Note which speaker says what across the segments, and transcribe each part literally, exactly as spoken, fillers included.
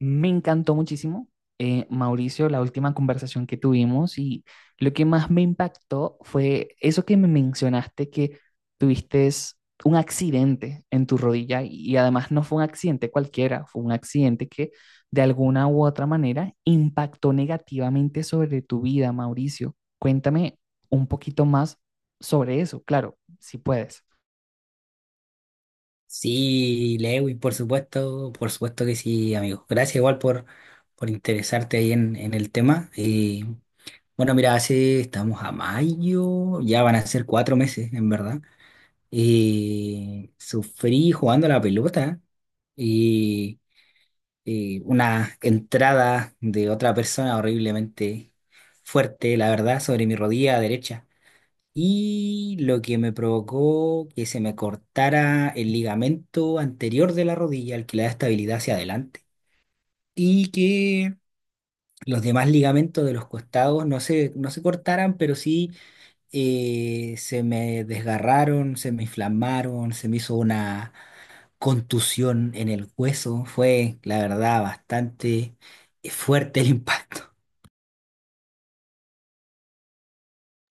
Speaker 1: Me encantó muchísimo, eh, Mauricio, la última conversación que tuvimos y lo que más me impactó fue eso que me mencionaste que tuviste un accidente en tu rodilla y además no fue un accidente cualquiera, fue un accidente que de alguna u otra manera impactó negativamente sobre tu vida, Mauricio. Cuéntame un poquito más sobre eso, claro, si puedes.
Speaker 2: Sí, Lewis, por supuesto, por supuesto que sí, amigo. Gracias igual por, por interesarte ahí en, en el tema. Eh, bueno, mira, hace, estamos a mayo, ya van a ser cuatro meses, en verdad. Eh, sufrí jugando a la pelota y eh, una entrada de otra persona horriblemente fuerte, la verdad, sobre mi rodilla derecha, y lo que me provocó que se me cortara el ligamento anterior de la rodilla, el que le da estabilidad hacia adelante, y que los demás ligamentos de los costados no se, no se cortaran, pero sí eh, se me desgarraron, se me inflamaron, se me hizo una contusión en el hueso. Fue, la verdad, bastante eh, fuerte el impacto.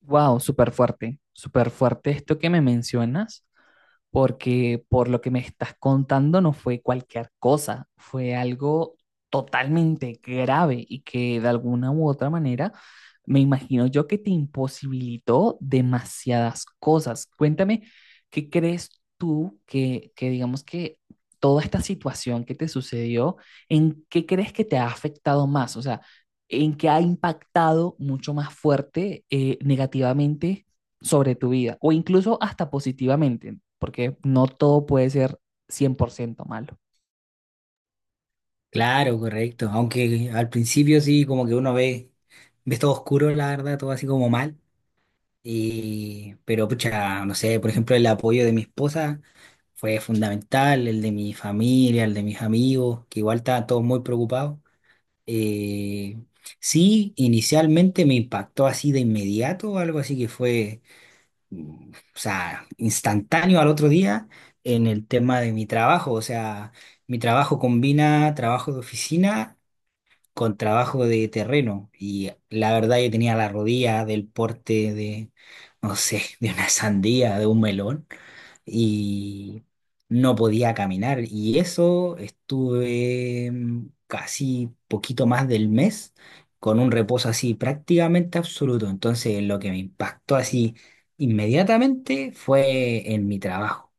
Speaker 1: Wow, súper fuerte, súper fuerte esto que me mencionas, porque por lo que me estás contando no fue cualquier cosa, fue algo totalmente grave y que de alguna u otra manera me imagino yo que te imposibilitó demasiadas cosas. Cuéntame, ¿qué crees tú que, que digamos que toda esta situación que te sucedió, en qué crees que te ha afectado más? O sea, ¿en qué ha impactado mucho más fuerte eh, negativamente sobre tu vida, o incluso hasta positivamente, porque no todo puede ser cien por ciento malo?
Speaker 2: Claro, correcto. Aunque al principio sí, como que uno ve, ves todo oscuro, la verdad, todo así como mal. Y, pero pucha, no sé, por ejemplo, el apoyo de mi esposa fue fundamental, el de mi familia, el de mis amigos, que igual estaban todos muy preocupados. Eh, sí, inicialmente me impactó así de inmediato, algo así que fue, mm, o sea, instantáneo al otro día en el tema de mi trabajo. O sea, mi trabajo combina trabajo de oficina con trabajo de terreno, y la verdad yo tenía la rodilla del porte de, no sé, de una sandía, de un melón, y no podía caminar, y eso estuve mm, casi poquito más del mes con un reposo así prácticamente absoluto. Entonces, lo que me impactó así inmediatamente fue en mi trabajo.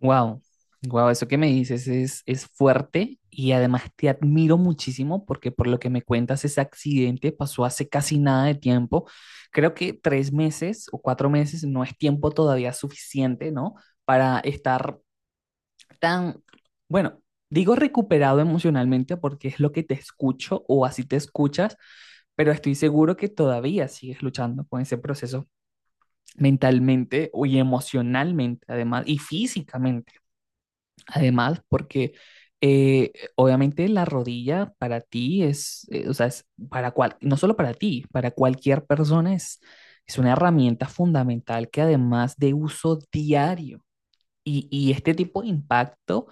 Speaker 1: Wow, wow, eso que me dices es, es fuerte y además te admiro muchísimo porque por lo que me cuentas ese accidente pasó hace casi nada de tiempo. Creo que tres meses o cuatro meses no es tiempo todavía suficiente, ¿no? Para estar tan, bueno, digo recuperado emocionalmente porque es lo que te escucho o así te escuchas, pero estoy seguro que todavía sigues luchando con ese proceso mentalmente y emocionalmente, además, y físicamente, además, porque eh, obviamente la rodilla para ti es, eh, o sea, es para cual, no solo para ti, para cualquier persona es, es una herramienta fundamental que además de uso diario y, y este tipo de impacto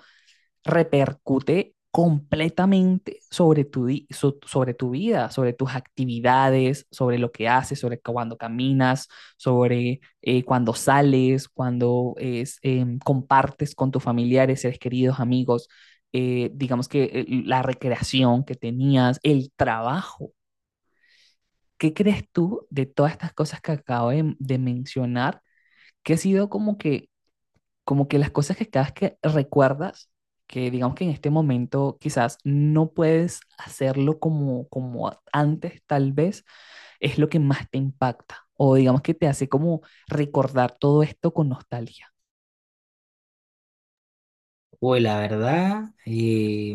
Speaker 1: repercute completamente sobre tu, di- so- sobre tu vida, sobre tus actividades, sobre lo que haces, sobre cuando caminas, sobre eh, cuando sales, cuando es, em, compartes con tus familiares, seres queridos, amigos, eh, digamos que eh, la recreación que tenías, el trabajo. ¿Qué crees tú de todas estas cosas que acabo de, de mencionar que ha sido como que como que las cosas que cada vez que recuerdas, que digamos que en este momento quizás no puedes hacerlo como, como a- antes, tal vez, es lo que más te impacta o digamos que te hace como recordar todo esto con nostalgia.
Speaker 2: Uy, la verdad, eh,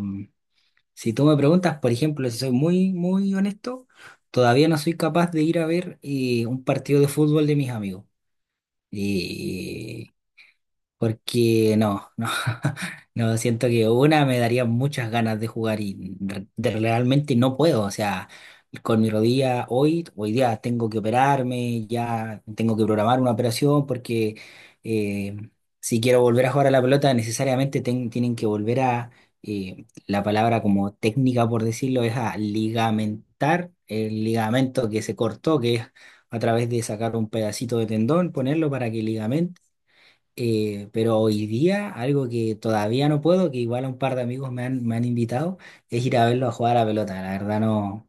Speaker 2: si tú me preguntas, por ejemplo, si soy muy, muy honesto, todavía no soy capaz de ir a ver eh, un partido de fútbol de mis amigos. Y porque no, no, no, siento que una me daría muchas ganas de jugar y re- de realmente no puedo, o sea, con mi rodilla hoy, hoy día tengo que operarme, ya tengo que programar una operación porque eh, si quiero volver a jugar a la pelota necesariamente ten- tienen que volver a, eh, la palabra como técnica por decirlo es a ligamentar el ligamento que se cortó, que es a través de sacar un pedacito de tendón, ponerlo para que ligamento, eh, pero hoy día, algo que todavía no puedo, que igual a un par de amigos me han, me han invitado, es ir a verlo a jugar a la pelota. La verdad, no,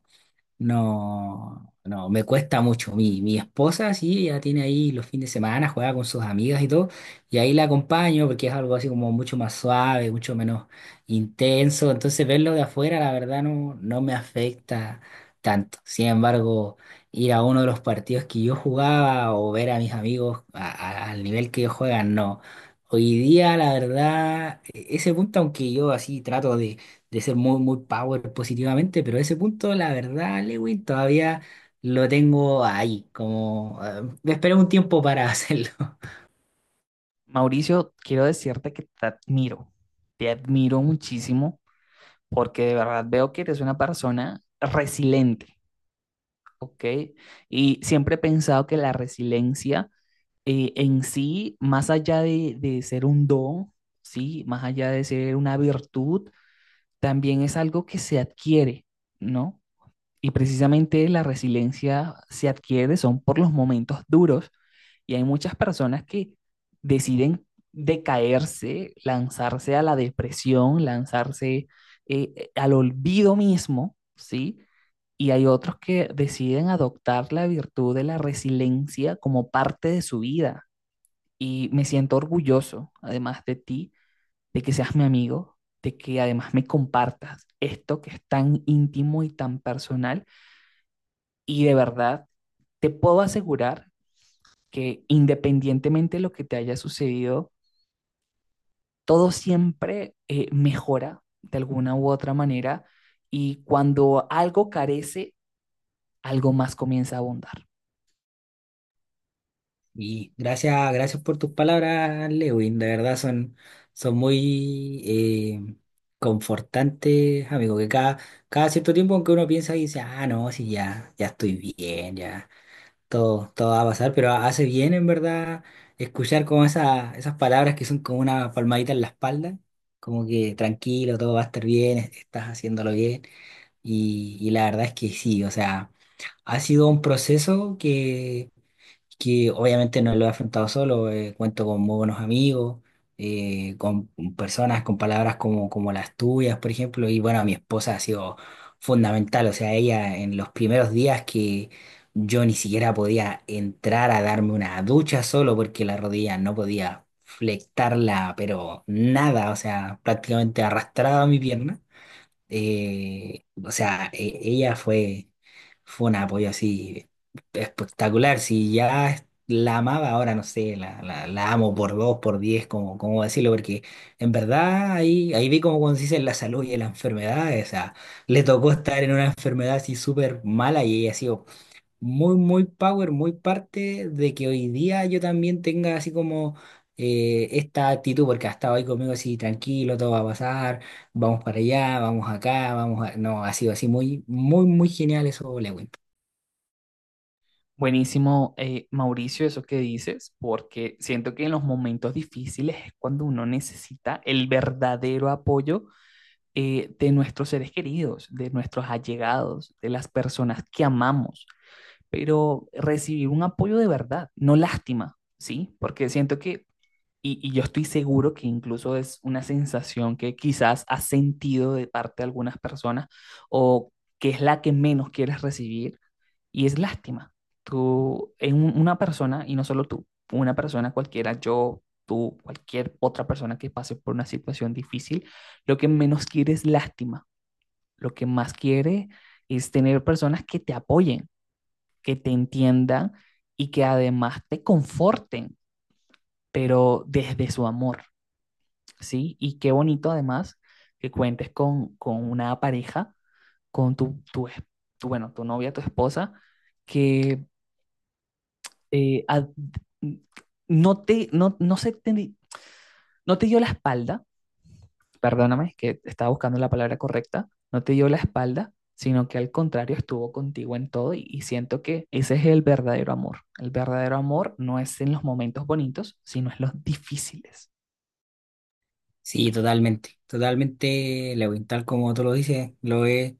Speaker 2: no, no, me cuesta mucho. Mi, mi esposa, sí, ella tiene ahí los fines de semana, juega con sus amigas y todo, y ahí la acompaño porque es algo así como mucho más suave, mucho menos intenso. Entonces, verlo de afuera, la verdad, no, no me afecta tanto. Sin embargo, ir a uno de los partidos que yo jugaba o ver a mis amigos a- a- al nivel que ellos juegan, no. Hoy día, la verdad, e- ese punto, aunque yo así trato de ser muy, muy power positivamente, pero ese punto, la verdad, Lewin, todavía lo tengo ahí, como eh, me esperé un tiempo para hacerlo.
Speaker 1: Mauricio, quiero decirte que te admiro, te admiro muchísimo porque de verdad veo que eres una persona resiliente. Ok, y siempre he pensado que la resiliencia eh, en sí, más allá de, de ser un don, sí, más allá de ser una virtud, también es algo que se adquiere, ¿no? Y precisamente la resiliencia se adquiere son por los momentos duros y hay muchas personas que deciden decaerse, lanzarse a la depresión, lanzarse eh, al olvido mismo, ¿sí? Y hay otros que deciden adoptar la virtud de la resiliencia como parte de su vida. Y me siento orgulloso, además de ti, de que seas mi amigo, de que además me compartas esto que es tan íntimo y tan personal. Y de verdad, te puedo asegurar que independientemente de lo que te haya sucedido, todo siempre eh, mejora de alguna u otra manera y cuando algo carece, algo más comienza a abundar.
Speaker 2: Y gracias, gracias por tus palabras, Lewin, de verdad son, son muy eh, confortantes, amigo, que cada, cada cierto tiempo en que uno piensa y dice, ah, no, sí, ya, ya estoy bien, ya. Todo, todo va a pasar, pero hace bien en verdad escuchar como esa- esas palabras que son como una palmadita en la espalda, como que tranquilo, todo va a estar bien, es- estás haciéndolo bien. Y, y la verdad es que sí, o sea, ha sido un proceso que que obviamente no lo he afrontado solo. Eh, cuento con muy buenos amigos, eh, con personas con palabras como, como las tuyas, por ejemplo, y bueno, mi esposa ha sido fundamental, o sea, ella en los primeros días que yo ni siquiera podía entrar a darme una ducha solo porque la rodilla no podía flectarla, pero nada, o sea, prácticamente arrastraba mi pierna, eh, o sea, e- ella fue, fue un apoyo así espectacular. Si ya es- la amaba, ahora no sé, la, la, la amo por dos, por diez, como, como decirlo, porque en verdad ahí, ahí vi como cuando se la salud y en la enfermedad, o sea, le tocó estar en una enfermedad así súper mala, y ella así muy, muy power, muy parte de que hoy día yo también tenga así como eh, esta actitud, porque ha estado ahí conmigo así, tranquilo, todo va a pasar, vamos para allá, vamos acá, vamos a... No, ha sido así muy, muy, muy genial eso, Lewin.
Speaker 1: Buenísimo, eh, Mauricio, eso que dices, porque siento que en los momentos difíciles es cuando uno necesita el verdadero apoyo eh, de nuestros seres queridos, de nuestros allegados, de las personas que amamos, pero recibir un apoyo de verdad, no lástima, ¿sí? Porque siento que Y, y yo estoy seguro que incluso es una sensación que quizás has sentido de parte de algunas personas o que es la que menos quieres recibir y es lástima. Tú, en un- una persona, y no solo tú, una persona cualquiera, yo, tú, cualquier otra persona que pase por una situación difícil, lo que menos quiere es lástima. Lo que más quiere es tener personas que te apoyen, que te entiendan y que además te conforten, pero desde su amor, ¿sí? Y qué bonito además que cuentes con, con una pareja, con tu, tu, es- tu, bueno, tu novia, tu esposa, que eh, ad- no te, no, no se te, no te dio la espalda, perdóname, que estaba buscando la palabra correcta, no te dio la espalda, sino que al contrario estuvo contigo en todo y, y siento que ese es el verdadero amor. El verdadero amor no es en los momentos bonitos, sino en los difíciles.
Speaker 2: Sí, totalmente, totalmente, Lewin, tal como tú lo dices, lo es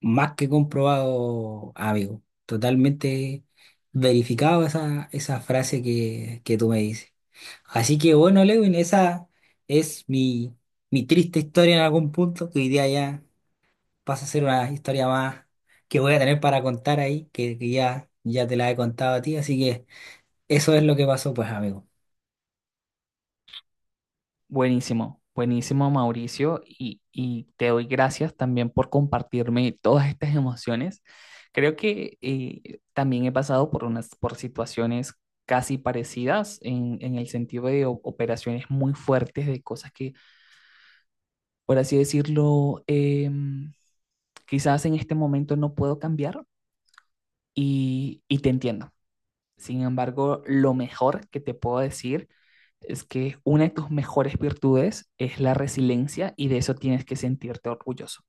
Speaker 2: más que comprobado, amigo, totalmente verificado esa, esa frase que, que tú me dices. Así que bueno, Lewin, esa es mi, mi triste historia en algún punto, que hoy día ya pasa a ser una historia más que voy a tener para contar ahí, que, que ya, ya te la he contado a ti, así que eso es lo que pasó, pues, amigo.
Speaker 1: Buenísimo, buenísimo Mauricio y, y te doy gracias también por compartirme todas estas emociones. Creo que eh, también he pasado por unas por situaciones casi parecidas en, en el sentido de o- operaciones muy fuertes, de cosas que, por así decirlo, em, quizás en este momento no puedo cambiar y, y te entiendo, sin embargo, lo mejor que te puedo decir es que una de tus mejores virtudes es la resiliencia y de eso tienes que sentirte orgulloso.